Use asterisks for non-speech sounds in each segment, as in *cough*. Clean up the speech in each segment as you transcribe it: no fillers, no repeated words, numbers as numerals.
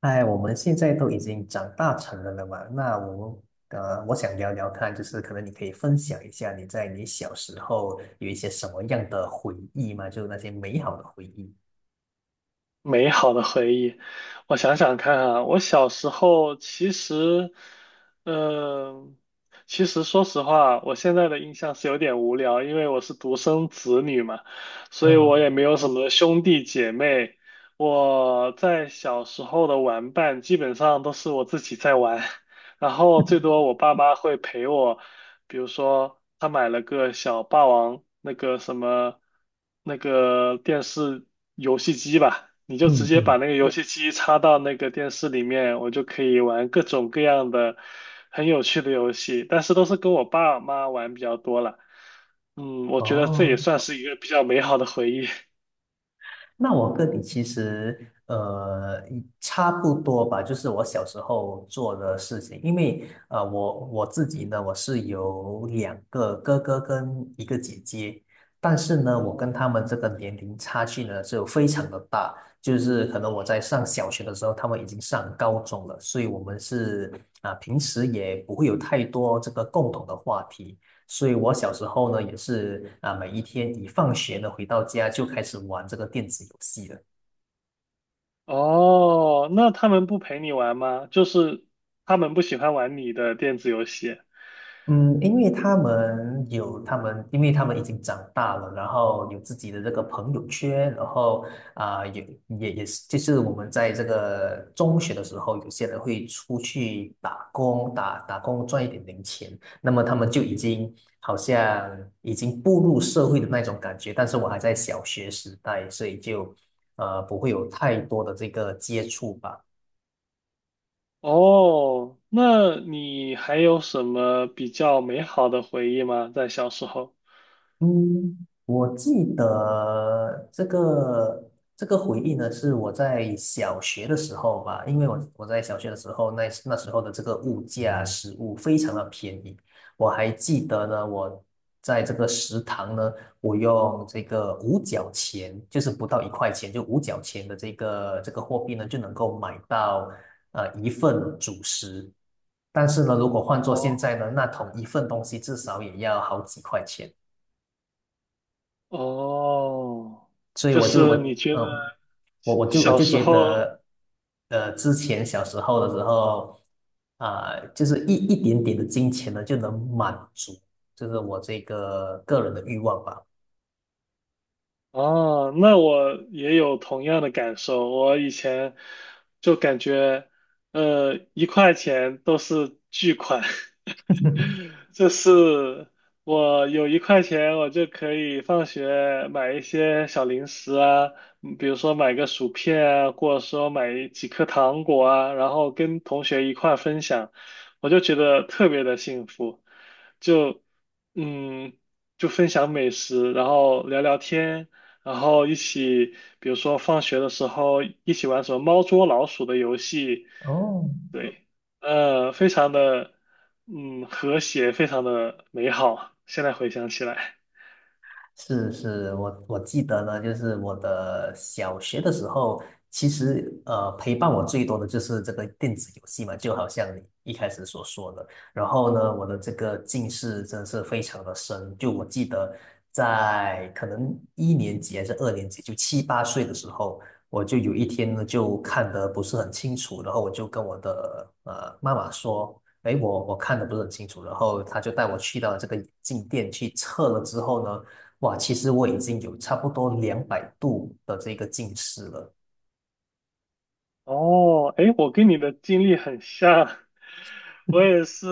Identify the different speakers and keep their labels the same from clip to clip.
Speaker 1: 哎，我们现在都已经长大成人了嘛，那我们呃，我想聊聊看，就是可能你可以分享一下你在你小时候有一些什么样的回忆吗？就是那些美好的回忆。
Speaker 2: 美好的回忆，我想想看啊，我小时候其实，嗯、其实说实话，我现在的印象是有点无聊，因为我是独生子女嘛，所以我
Speaker 1: 嗯
Speaker 2: 也没有什么兄弟姐妹。我在小时候的玩伴基本上都是我自己在玩，*laughs* 然后最多我爸妈会陪我。比如说他买了个小霸王那个什么那个电视游戏机吧，你就直
Speaker 1: 嗯
Speaker 2: 接把
Speaker 1: 嗯。
Speaker 2: 那个游戏机插到那个电视里面，我就可以玩各种各样的很有趣的游戏，但是都是跟我爸妈玩比较多了。嗯，我觉得这也
Speaker 1: 哦，
Speaker 2: 算是一个比较美好的回忆。
Speaker 1: 那我跟你其实差不多吧，就是我小时候做的事情。因为我自己呢，我是有两个哥哥跟一个姐姐。但是呢，我跟
Speaker 2: 哦，
Speaker 1: 他们这个年龄差距呢就非常的大，就是可能我在上小学的时候，他们已经上高中了，所以我们平时也不会有太多这个共同的话题。所以我小时候呢，也是啊，每一天一放学呢，回到家就开始玩这个电子游戏了。
Speaker 2: 哦，那他们不陪你玩吗？就是他们不喜欢玩你的电子游戏。
Speaker 1: 嗯，因为他们已经长大了，然后有自己的这个朋友圈，然后啊、有也也是，就是我们在这个中学的时候，有些人会出去打工，打打工赚一点零钱，那么他们就已经好像已经步入社会的那种感觉，但是我还在小学时代，所以就不会有太多的这个接触吧。
Speaker 2: 哦，那你还有什么比较美好的回忆吗？在小时候？
Speaker 1: 嗯，我记得这个回忆呢，是我在小学的时候吧。因为我在小学的时候，那时候的这个物价食物非常的便宜。我还记得呢，我在这个食堂呢，我用这个五角钱，就是不到1块钱，就五角钱的这个货币呢，就能够买到一份主食。但是呢，如果换做现
Speaker 2: 哦，
Speaker 1: 在呢，那同一份东西至少也要好几块钱。
Speaker 2: 哦，
Speaker 1: 所以
Speaker 2: 就
Speaker 1: 我就我
Speaker 2: 是你觉
Speaker 1: 嗯，
Speaker 2: 得
Speaker 1: 我我就我
Speaker 2: 小
Speaker 1: 就
Speaker 2: 时
Speaker 1: 觉
Speaker 2: 候
Speaker 1: 得，之前小时候的时候，就是一点点的金钱呢，就能满足，就是我这个个人的欲望吧。
Speaker 2: 哦，那我也有同样的感受。我以前就感觉，一块钱都是巨款，*laughs* 就是我有1块钱，我就可以放学买一些小零食啊，比如说买个薯片啊，或者说买几颗糖果啊，然后跟同学一块分享，我就觉得特别的幸福，就嗯。就分享美食，然后聊聊天，然后一起，比如说放学的时候一起玩什么猫捉老鼠的游戏，
Speaker 1: 哦，
Speaker 2: 对，非常的，嗯，和谐，非常的美好。现在回想起来，
Speaker 1: 是是，我记得呢，就是我的小学的时候，其实陪伴我最多的就是这个电子游戏嘛，就好像你一开始所说的。然后呢，我的这个近视真是非常的深。就我记得在可能一年级还是二年级，就七八岁的时候，我就有一天呢就看得不是很清楚，然后我就跟我的妈妈说。哎，我看的不是很清楚，然后他就带我去到这个眼镜店去测了之后呢，哇，其实我已经有差不多200度的这个近视了。
Speaker 2: 哦，哎，我跟你的经历很像，我也是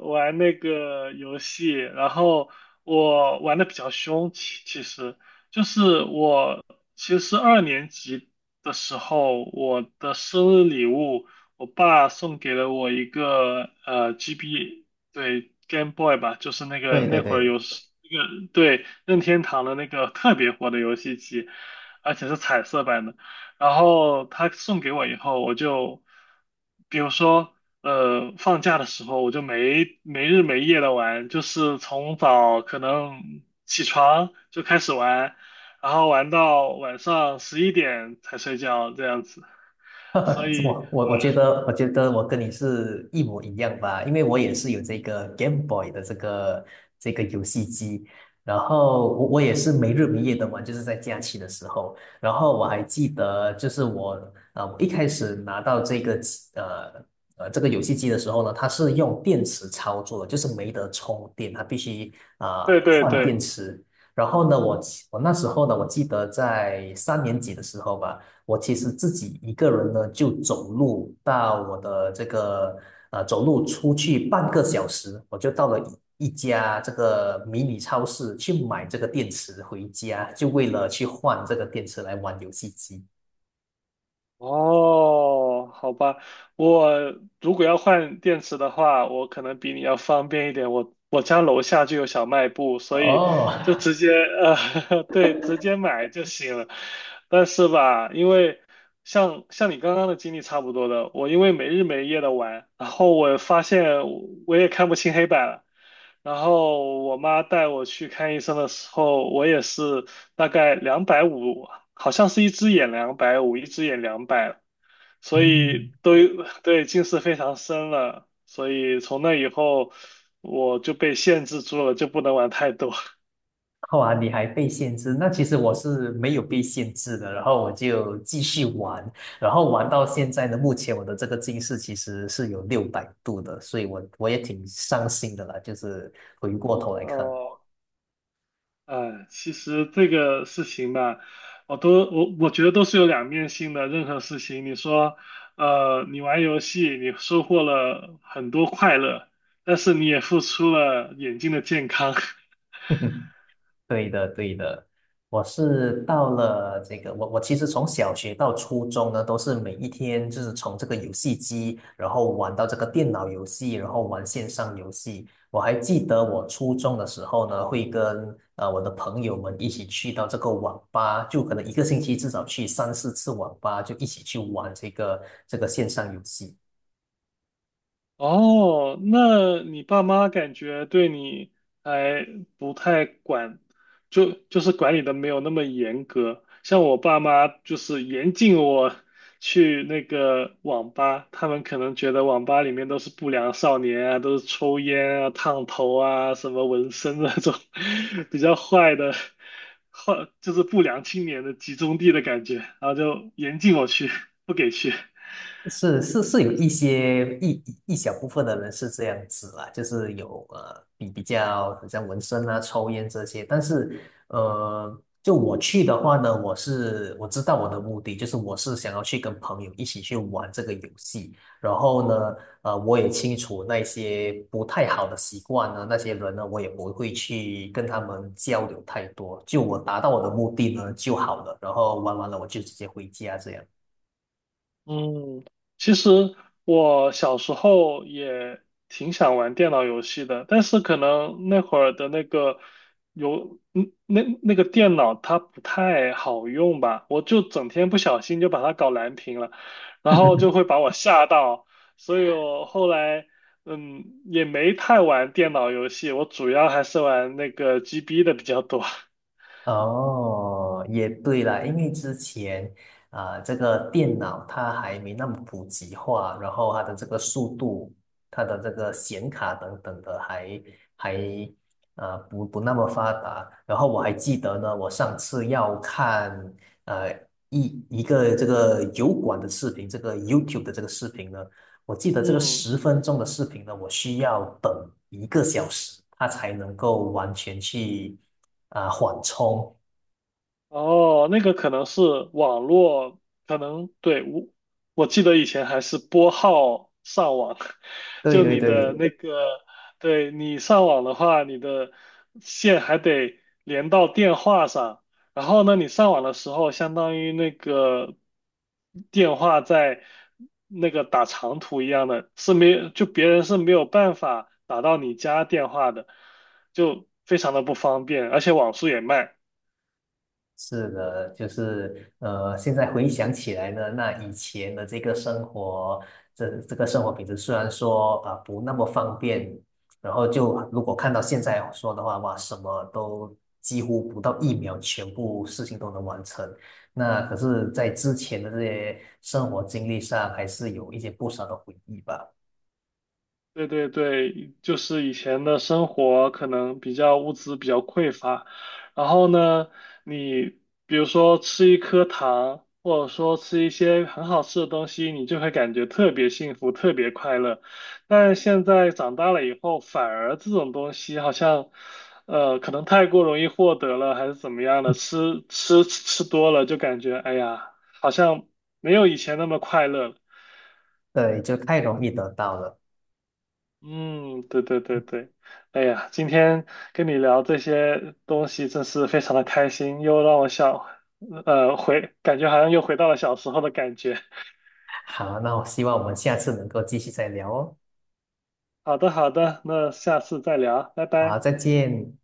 Speaker 2: 玩那个游戏，然后我玩的比较凶，其实就是我其实二年级的时候，我的生日礼物，我爸送给了我一个GB,对 Game Boy 吧，就是那个
Speaker 1: 对对
Speaker 2: 那会儿
Speaker 1: 对。
Speaker 2: 有是那个对任天堂的那个特别火的游戏机，而且是彩色版的。然后他送给我以后，我就，比如说，放假的时候，我就没日没夜的玩，就是从早可能起床就开始玩，然后玩到晚上11点才睡觉这样子。所
Speaker 1: *laughs*
Speaker 2: 以，
Speaker 1: 我觉得我跟你是一模一样吧，因为我也是有这个 Game Boy 的这个游戏机，然后我也是没日没夜的玩，就是在假期的时候。然后我还记得，我一开始拿到这个机呃呃这个游戏机的时候呢，它是用电池操作的，就是没得充电，它必须
Speaker 2: 对对
Speaker 1: 换
Speaker 2: 对，
Speaker 1: 电池。然后呢，我那时候呢，我记得在三年级的时候吧。我其实自己一个人呢，就走路到我的这个呃，走路出去半个小时，我就到了一家这个迷你超市去买这个电池回家，就为了去换这个电池来玩游戏机。
Speaker 2: 哦，好吧，我如果要换电池的话，我可能比你要方便一点。我家楼下就有小卖部，所以
Speaker 1: 哦。
Speaker 2: 就直接
Speaker 1: *laughs*
Speaker 2: *laughs* 对，直接买就行了。但是吧，因为像你刚刚的经历差不多的，我因为没日没夜的玩，然后我发现我也看不清黑板了。然后我妈带我去看医生的时候，我也是。大概两百五，好像是一只眼两百五，一只眼两百，所
Speaker 1: 嗯，
Speaker 2: 以都有 *laughs* 对近视非常深了。所以从那以后，我就被限制住了，就不能玩太多。
Speaker 1: 哇，你还被限制？那其实我是没有被限制的，然后我就继续玩，然后玩到现在呢，目前我的这个近视其实是有600度的，所以我也挺伤心的啦，就是回过头来
Speaker 2: *laughs*
Speaker 1: 看。
Speaker 2: 哦，哎，其实这个事情吧，我觉得都是有两面性的。任何事情，你说，你玩游戏，你收获了很多快乐，但是你也付出了眼睛的健康。*laughs*
Speaker 1: *laughs* 对的，对的，我是到了这个，我我其实从小学到初中呢，都是每一天就是从这个游戏机，然后玩到这个电脑游戏，然后玩线上游戏。我还记得我初中的时候呢，会跟我的朋友们一起去到这个网吧，就可能一个星期至少去三四次网吧，就一起去玩这个线上游戏。
Speaker 2: 哦，那你爸妈感觉对你还不太管，就是管理的没有那么严格。像我爸妈就是严禁我去那个网吧，他们可能觉得网吧里面都是不良少年啊，都是抽烟啊、烫头啊、什么纹身那种 *laughs* 比较坏的坏，就是不良青年的集中地的感觉，然后就严禁我去，不给去。
Speaker 1: 是是是，有一些一小部分的人是这样子啦，就是有比较好像纹身啊、抽烟这些。但是就我去的话呢，我知道我的目的，就是我是想要去跟朋友一起去玩这个游戏。然后呢，我也清楚那些不太好的习惯呢，那些人呢，我也不会去跟他们交流太多，就我达到我的目的呢就好了，然后玩完了我就直接回家这样。
Speaker 2: 嗯，其实我小时候也挺想玩电脑游戏的，但是可能那会儿的那个有那个电脑它不太好用吧，我就整天不小心就把它搞蓝屏了，然后就
Speaker 1: *laughs*
Speaker 2: 会把我吓到，所以我后来也没太玩电脑游戏，我主要还是玩那个 GB 的比较多。*laughs*
Speaker 1: 哦，也对啦，因为之前这个电脑它还没那么普及化，然后它的这个速度、它的这个显卡等等的还不那么发达。然后我还记得呢，我上次要看呃一个这个油管的视频，这个 YouTube 的这个视频呢，我记得这个
Speaker 2: 嗯
Speaker 1: 10分钟的视频呢，我需要等一个小时，它才能够完全去缓冲。
Speaker 2: 哦，那个可能是网络，可能对，我记得以前还是拨号上网，*laughs*
Speaker 1: 对
Speaker 2: 就
Speaker 1: 对
Speaker 2: 你的
Speaker 1: 对，
Speaker 2: 那个，对你上网的话，你的线还得连到电话上，然后呢，你上网的时候，相当于那个电话在那个打长途一样的，是没，就别人是没有办法打到你家电话的，就非常的不方便，而且网速也慢。
Speaker 1: 是的。就是现在回想起来呢，那以前的这个生活，这个生活品质虽然说不那么方便，然后就如果看到现在说的话，哇，什么都几乎不到一秒，全部事情都能完成。那可是，在之前的这些生活经历上，还是有一些不少的回忆吧。
Speaker 2: 对对对，就是以前的生活可能比较物资比较匮乏，然后呢，你比如说吃一颗糖，或者说吃一些很好吃的东西，你就会感觉特别幸福，特别快乐。但现在长大了以后，反而这种东西好像，可能太过容易获得了，还是怎么样的，吃多了就感觉，哎呀，好像没有以前那么快乐了。
Speaker 1: 对，就太容易得到了。
Speaker 2: 嗯，对对对对，哎呀，今天跟你聊这些东西真是非常的开心，又让我想，感觉好像又回到了小时候的感觉。
Speaker 1: 好，那我希望我们下次能够继续再聊哦。
Speaker 2: 好的，好的，那下次再聊，拜
Speaker 1: 好，
Speaker 2: 拜。
Speaker 1: 再见。